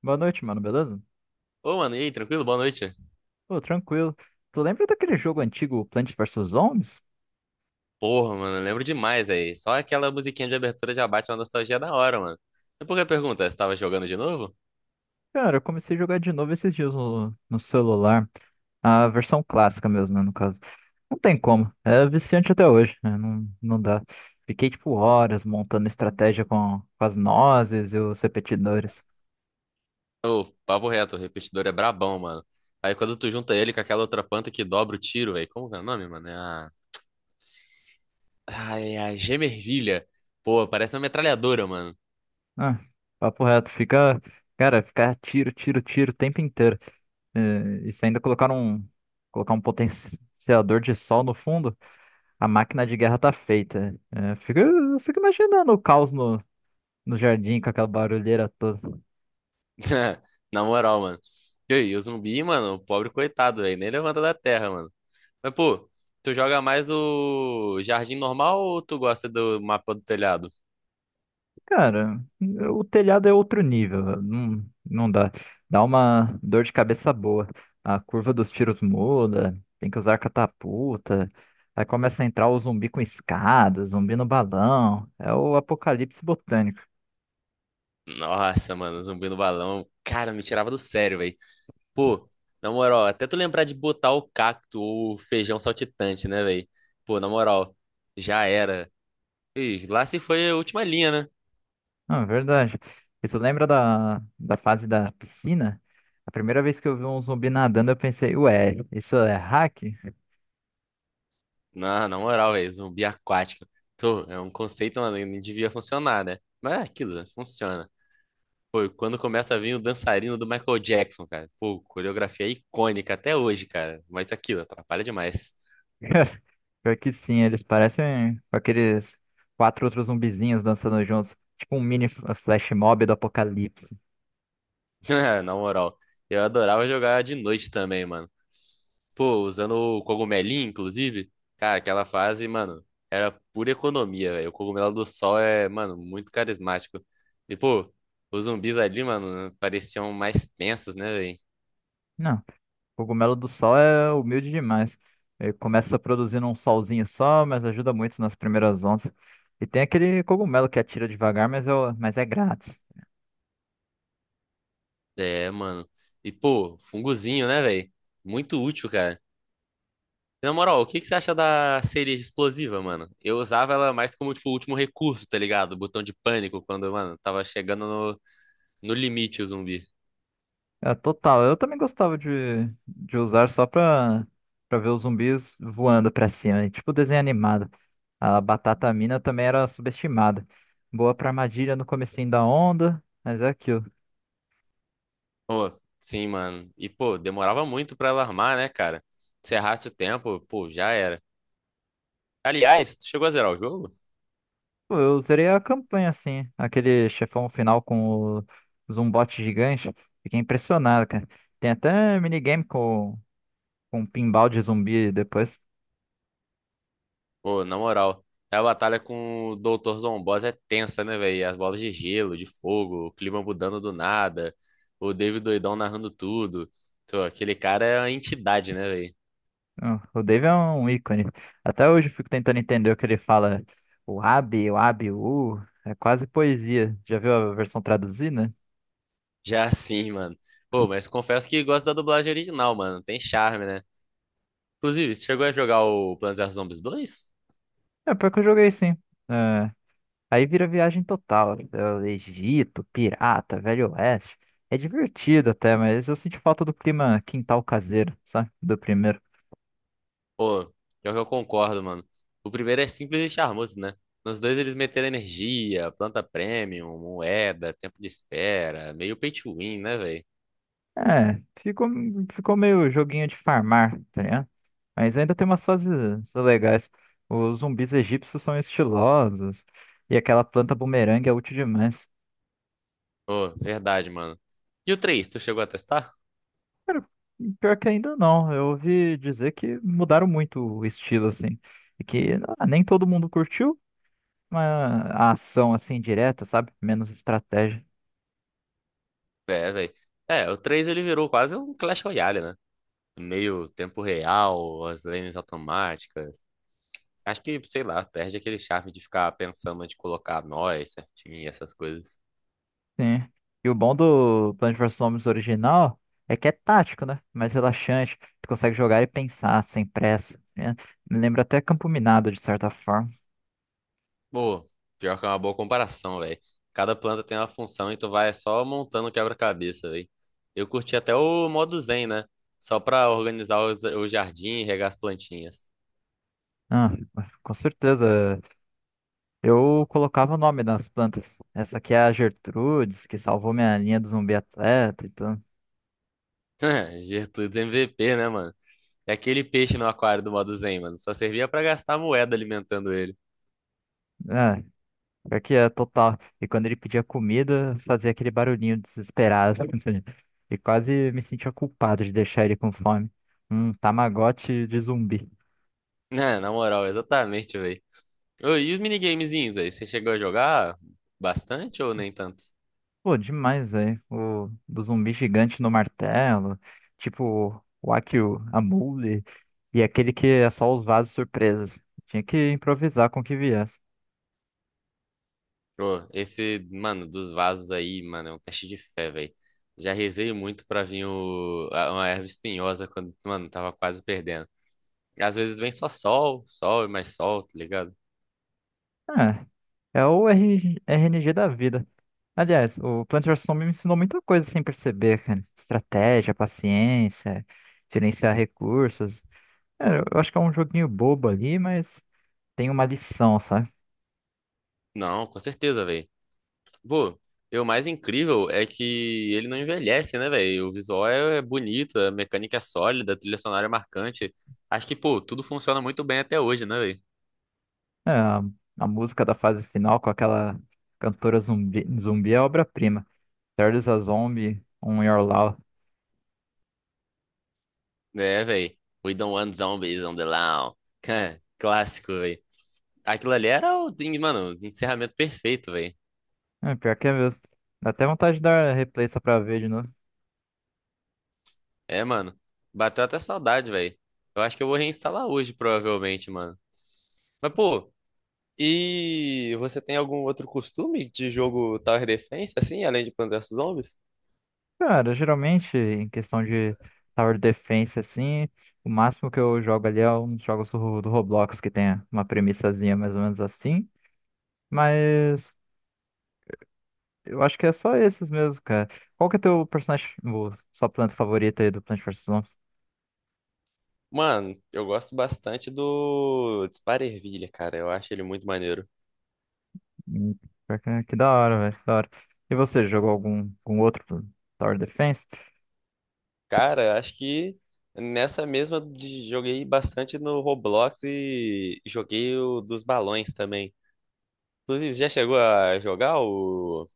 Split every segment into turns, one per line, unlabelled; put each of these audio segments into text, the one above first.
Boa noite, mano, beleza?
Ô, mano, e aí, tranquilo? Boa noite.
Pô, tranquilo. Tu lembra daquele jogo antigo, Plants vs Zombies?
Porra, mano, eu lembro demais aí. Só aquela musiquinha de abertura já bate uma nostalgia da hora, mano. E por que pergunta? Você tava jogando de novo?
Cara, eu comecei a jogar de novo esses dias no celular. A versão clássica mesmo, né, no caso. Não tem como. É viciante até hoje, né? Não, não dá. Fiquei, tipo, horas montando estratégia com as nozes e os repetidores.
Ô, papo reto, o repetidor é brabão, mano. Aí quando tu junta ele com aquela outra planta que dobra o tiro, velho. Como que é o nome, mano? É a. Ai, é a gemervilha. Pô, parece uma metralhadora, mano.
Ah, papo reto. Cara, fica tiro, tiro, tiro o tempo inteiro. É, e se ainda colocar um potenciador de sol no fundo. A máquina de guerra tá feita. É, eu fico imaginando o caos no jardim com aquela barulheira toda.
Na moral, mano. E aí, o zumbi, mano, o pobre coitado, velho. Nem levanta da terra, mano. Mas, pô, tu joga mais o jardim normal ou tu gosta do mapa do telhado?
Cara, o telhado é outro nível. Não, não dá. Dá uma dor de cabeça boa. A curva dos tiros muda, tem que usar catapulta. Aí começa a entrar o zumbi com escada, zumbi no balão. É o apocalipse botânico.
Nossa, mano, zumbi no balão. Cara, me tirava do sério, velho. Pô, na moral, até tu lembrar de botar o cacto ou o feijão saltitante, né, velho? Pô, na moral, já era. Ih, lá se foi a última linha, né?
Não, é verdade. Isso lembra da fase da piscina? A primeira vez que eu vi um zumbi nadando, eu pensei, ué, isso é hack?
Na moral, velho, zumbi aquático. Tô, é um conceito, mano, que não devia funcionar, né? Mas é aquilo, né? Funciona. Pô, e quando começa a vir o dançarino do Michael Jackson, cara. Pô, coreografia icônica até hoje, cara. Mas aquilo, atrapalha demais.
Pior que sim, eles parecem aqueles quatro outros zumbizinhos dançando juntos. Tipo um mini flash mob do apocalipse.
Na moral, eu adorava jogar de noite também, mano. Pô, usando o cogumelinho, inclusive. Cara, aquela fase, mano, era pura economia, velho. O cogumelo do sol é, mano, muito carismático. E, pô, os zumbis ali, mano, pareciam mais tensos, né, velho?
Não, o cogumelo do sol é humilde demais. Ele começa produzindo um solzinho só, mas ajuda muito nas primeiras ondas. E tem aquele cogumelo que atira devagar, mas é grátis.
É, mano. E, pô, fungozinho, né, velho? Muito útil, cara. Na moral, o que que você acha da cereja explosiva, mano? Eu usava ela mais como, tipo, último recurso, tá ligado? Botão de pânico, quando, mano, tava chegando no, no limite o zumbi.
É, total. Eu também gostava de usar só pra ver os zumbis voando pra cima, né? Tipo desenho animado. A batata mina também era subestimada. Boa pra armadilha no comecinho da onda, mas é aquilo.
Pô, sim, mano. E, pô, demorava muito pra ela armar, né, cara? Se errasse o tempo, pô, já era. Aliás, tu chegou a zerar o jogo?
Pô, eu zerei a campanha assim, aquele chefão final com o zumbote gigante. Fiquei impressionado, cara. Tem até minigame com pinball de zumbi depois.
Pô, na moral, a batalha com o Dr. Zomboss é tensa, né, velho? As bolas de gelo, de fogo, o clima mudando do nada, o David doidão narrando tudo. Pô, aquele cara é uma entidade, né, velho?
Não, o Dave é um ícone. Até hoje eu fico tentando entender o que ele fala. O Abi, o Abi, o. U. É quase poesia. Já viu a versão traduzida?
Já assim, mano. Pô, mas confesso que gosto da dublagem original, mano. Tem charme, né? Inclusive, você chegou a jogar o Plants vs Zombies dois?
É, pior que eu joguei sim. É, aí vira viagem total. É, Egito, pirata, Velho Oeste. É divertido até, mas eu senti falta do clima quintal caseiro, sabe? Do primeiro.
Pô, pior que eu concordo, mano. O primeiro é simples e charmoso, né? Nos dois eles meteram energia, planta premium, moeda, tempo de espera, meio pay to win, né, velho?
É, ficou meio joguinho de farmar, tá ligado? Mas ainda tem umas fases legais. Os zumbis egípcios são estilosos e aquela planta bumerangue é útil demais.
Pô, verdade, mano. E o 3 tu chegou a testar?
E pior que ainda não, eu ouvi dizer que mudaram muito o estilo, assim. E que nem todo mundo curtiu, mas a ação, assim, direta, sabe? Menos estratégia.
É, velho. É, o 3 ele virou quase um Clash Royale, né? Meio tempo real, as lanes automáticas. Acho que, sei lá, perde aquele charme de ficar pensando de colocar nós certinho e essas coisas.
Sim. E o bom do Plants vs Zombies original é que é tático, né? Mais relaxante. Tu consegue jogar e pensar sem pressa, né? Me lembra até Campo Minado, de certa forma.
Pô, pior que é uma boa comparação, velho. Cada planta tem uma função e tu vai só montando o quebra-cabeça, velho. Eu curti até o modo Zen, né? Só pra organizar o jardim e regar as plantinhas.
Ah, com certeza. Eu colocava o nome nas plantas. Essa aqui é a Gertrudes, que salvou minha linha do zumbi atleta. Então,
Gertrudes MVP, né, mano? É aquele peixe no aquário do modo Zen, mano. Só servia pra gastar moeda alimentando ele.
É, pior que é total. E quando ele pedia comida, fazia aquele barulhinho desesperado. E quase me sentia culpado de deixar ele com fome. Um Tamagotchi de zumbi.
Né, na moral, exatamente, velho. E os minigamezinhos aí? Você chegou a jogar bastante ou nem tanto?
Pô, demais, velho. O do zumbi gigante no martelo, tipo o Akio, a Mule, e aquele que é só os vasos surpresas. Tinha que improvisar com o que viesse.
Pô, esse, mano, dos vasos aí, mano, é um teste de fé, velho. Já rezei muito pra vir uma erva espinhosa quando, mano, tava quase perdendo. E às vezes vem só sol, sol e mais sol, tá ligado?
Ah, é o RG RNG da vida. Aliás, o Plant vs. Zombie me ensinou muita coisa sem perceber, cara. Estratégia, paciência, gerenciar recursos. É, eu acho que é um joguinho bobo ali, mas tem uma lição, sabe?
Não, com certeza, velho. Pô, e o mais incrível é que ele não envelhece, né, velho? O visual é bonito, a mecânica é sólida, a trilha sonora é marcante. Acho que, pô, tudo funciona muito bem até hoje, né, velho?
É, a música da fase final com aquela cantora zumbi é obra-prima. Charles a Zombie, On Your Law.
É, velho. We don't want zombies on the lawn. Clássico, velho. Aquilo ali era o, mano, o encerramento perfeito, velho.
É, pior que é mesmo. Dá até vontade de dar replay só pra ver de novo.
É, mano. Bateu até saudade, velho. Eu acho que eu vou reinstalar hoje, provavelmente, mano. Mas, pô, e você tem algum outro costume de jogo Tower Defense, assim, além de Plants vs Zombies?
Cara, geralmente, em questão de Tower Defense, assim, o máximo que eu jogo ali é uns jogos do Roblox, que tem uma premissazinha mais ou menos assim. Mas eu acho que é só esses mesmo, cara. Qual que é teu personagem, sua planta favorita aí do Plant vs. Zombies?
Mano, eu gosto bastante do Dispara Ervilha, cara. Eu acho ele muito maneiro.
Hum, pior que é, que da hora, velho, que da hora. E você, jogou algum outro Tower Defense?
Cara, eu acho que nessa mesma joguei bastante no Roblox e joguei o dos balões também. Inclusive, já chegou a jogar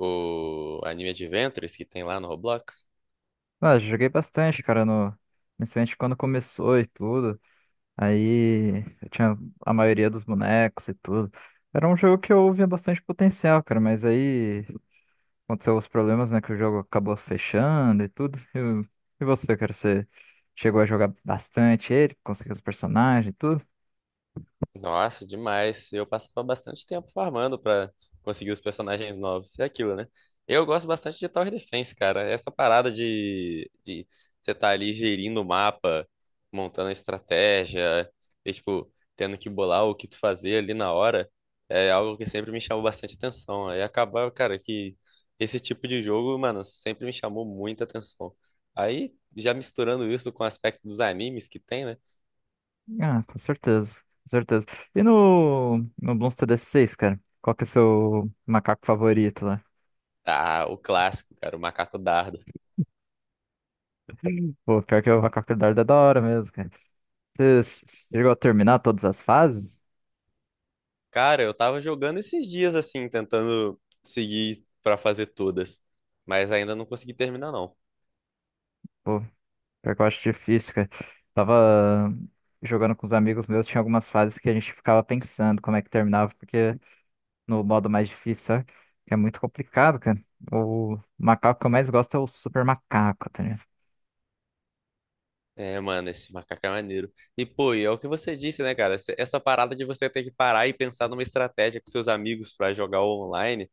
o anime Adventures que tem lá no Roblox.
Ah, eu joguei bastante, cara, no, principalmente quando começou e tudo. Aí eu tinha a maioria dos bonecos e tudo. Era um jogo que eu via bastante potencial, cara, mas aí aconteceu os problemas, né, que o jogo acabou fechando e tudo. E, cara, você chegou a jogar bastante ele, conseguiu os personagens e tudo?
Nossa, demais. Eu passava bastante tempo farmando pra conseguir os personagens novos. É aquilo, né? Eu gosto bastante de Tower Defense, cara. Essa parada de você tá ali gerindo o mapa, montando a estratégia, e, tipo, tendo que bolar o que tu fazer ali na hora, é algo que sempre me chamou bastante atenção. Aí acabava, cara, que esse tipo de jogo, mano, sempre me chamou muita atenção. Aí, já misturando isso com o aspecto dos animes que tem, né?
Ah, com certeza, com certeza. E no, Bloons TD seis, cara? Qual que é o seu macaco favorito lá?
Ah, o clássico, cara, o macaco dardo.
Pô, pior que o macaco dardo é da hora mesmo, cara. Você chegou a terminar todas as fases?
Cara, eu tava jogando esses dias assim, tentando seguir pra fazer todas, mas ainda não consegui terminar não.
Pô, pior que eu acho difícil, cara. Tava jogando com os amigos meus, tinha algumas fases que a gente ficava pensando como é que terminava, porque no modo mais difícil, sabe? Que é muito complicado, cara. O macaco que eu mais gosto é o super macaco, tá ligado?
É, mano, esse macaco é maneiro. E pô, e é o que você disse, né, cara? Essa parada de você ter que parar e pensar numa estratégia com seus amigos pra jogar online,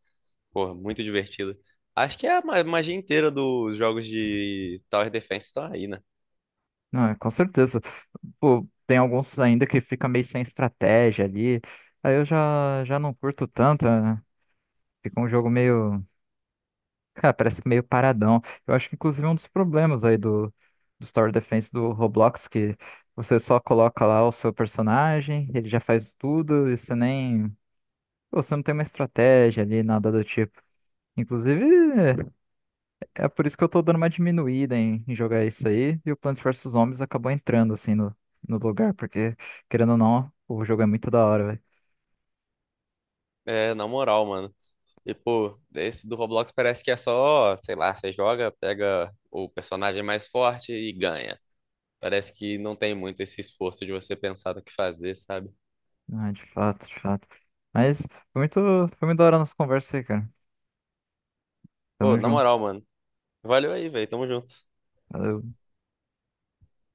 pô, muito divertido. Acho que é a magia inteira dos jogos de Tower Defense estão aí, né?
Não, é, com certeza. Pô, tem alguns ainda que fica meio sem estratégia ali. Aí eu já não curto tanto, né? Fica um jogo meio. Cara, parece que meio paradão. Eu acho que, inclusive, é um dos problemas aí do Tower Defense do Roblox, que você só coloca lá o seu personagem, ele já faz tudo, e você nem. Pô, você não tem uma estratégia ali, nada do tipo. Inclusive, é por isso que eu tô dando uma diminuída em jogar isso aí, e o Plants vs Zombies acabou entrando assim no, lugar, porque, querendo ou não, o jogo é muito da hora, velho.
É, na moral, mano. E pô, esse do Roblox parece que é só, sei lá, você joga, pega o personagem mais forte e ganha. Parece que não tem muito esse esforço de você pensar no que fazer, sabe?
Ah, de fato, de fato. Mas foi muito, foi muito da hora a nossa conversa aí, cara.
Pô,
Tamo
na
junto.
moral, mano. Valeu aí, velho. Tamo junto.
Valeu.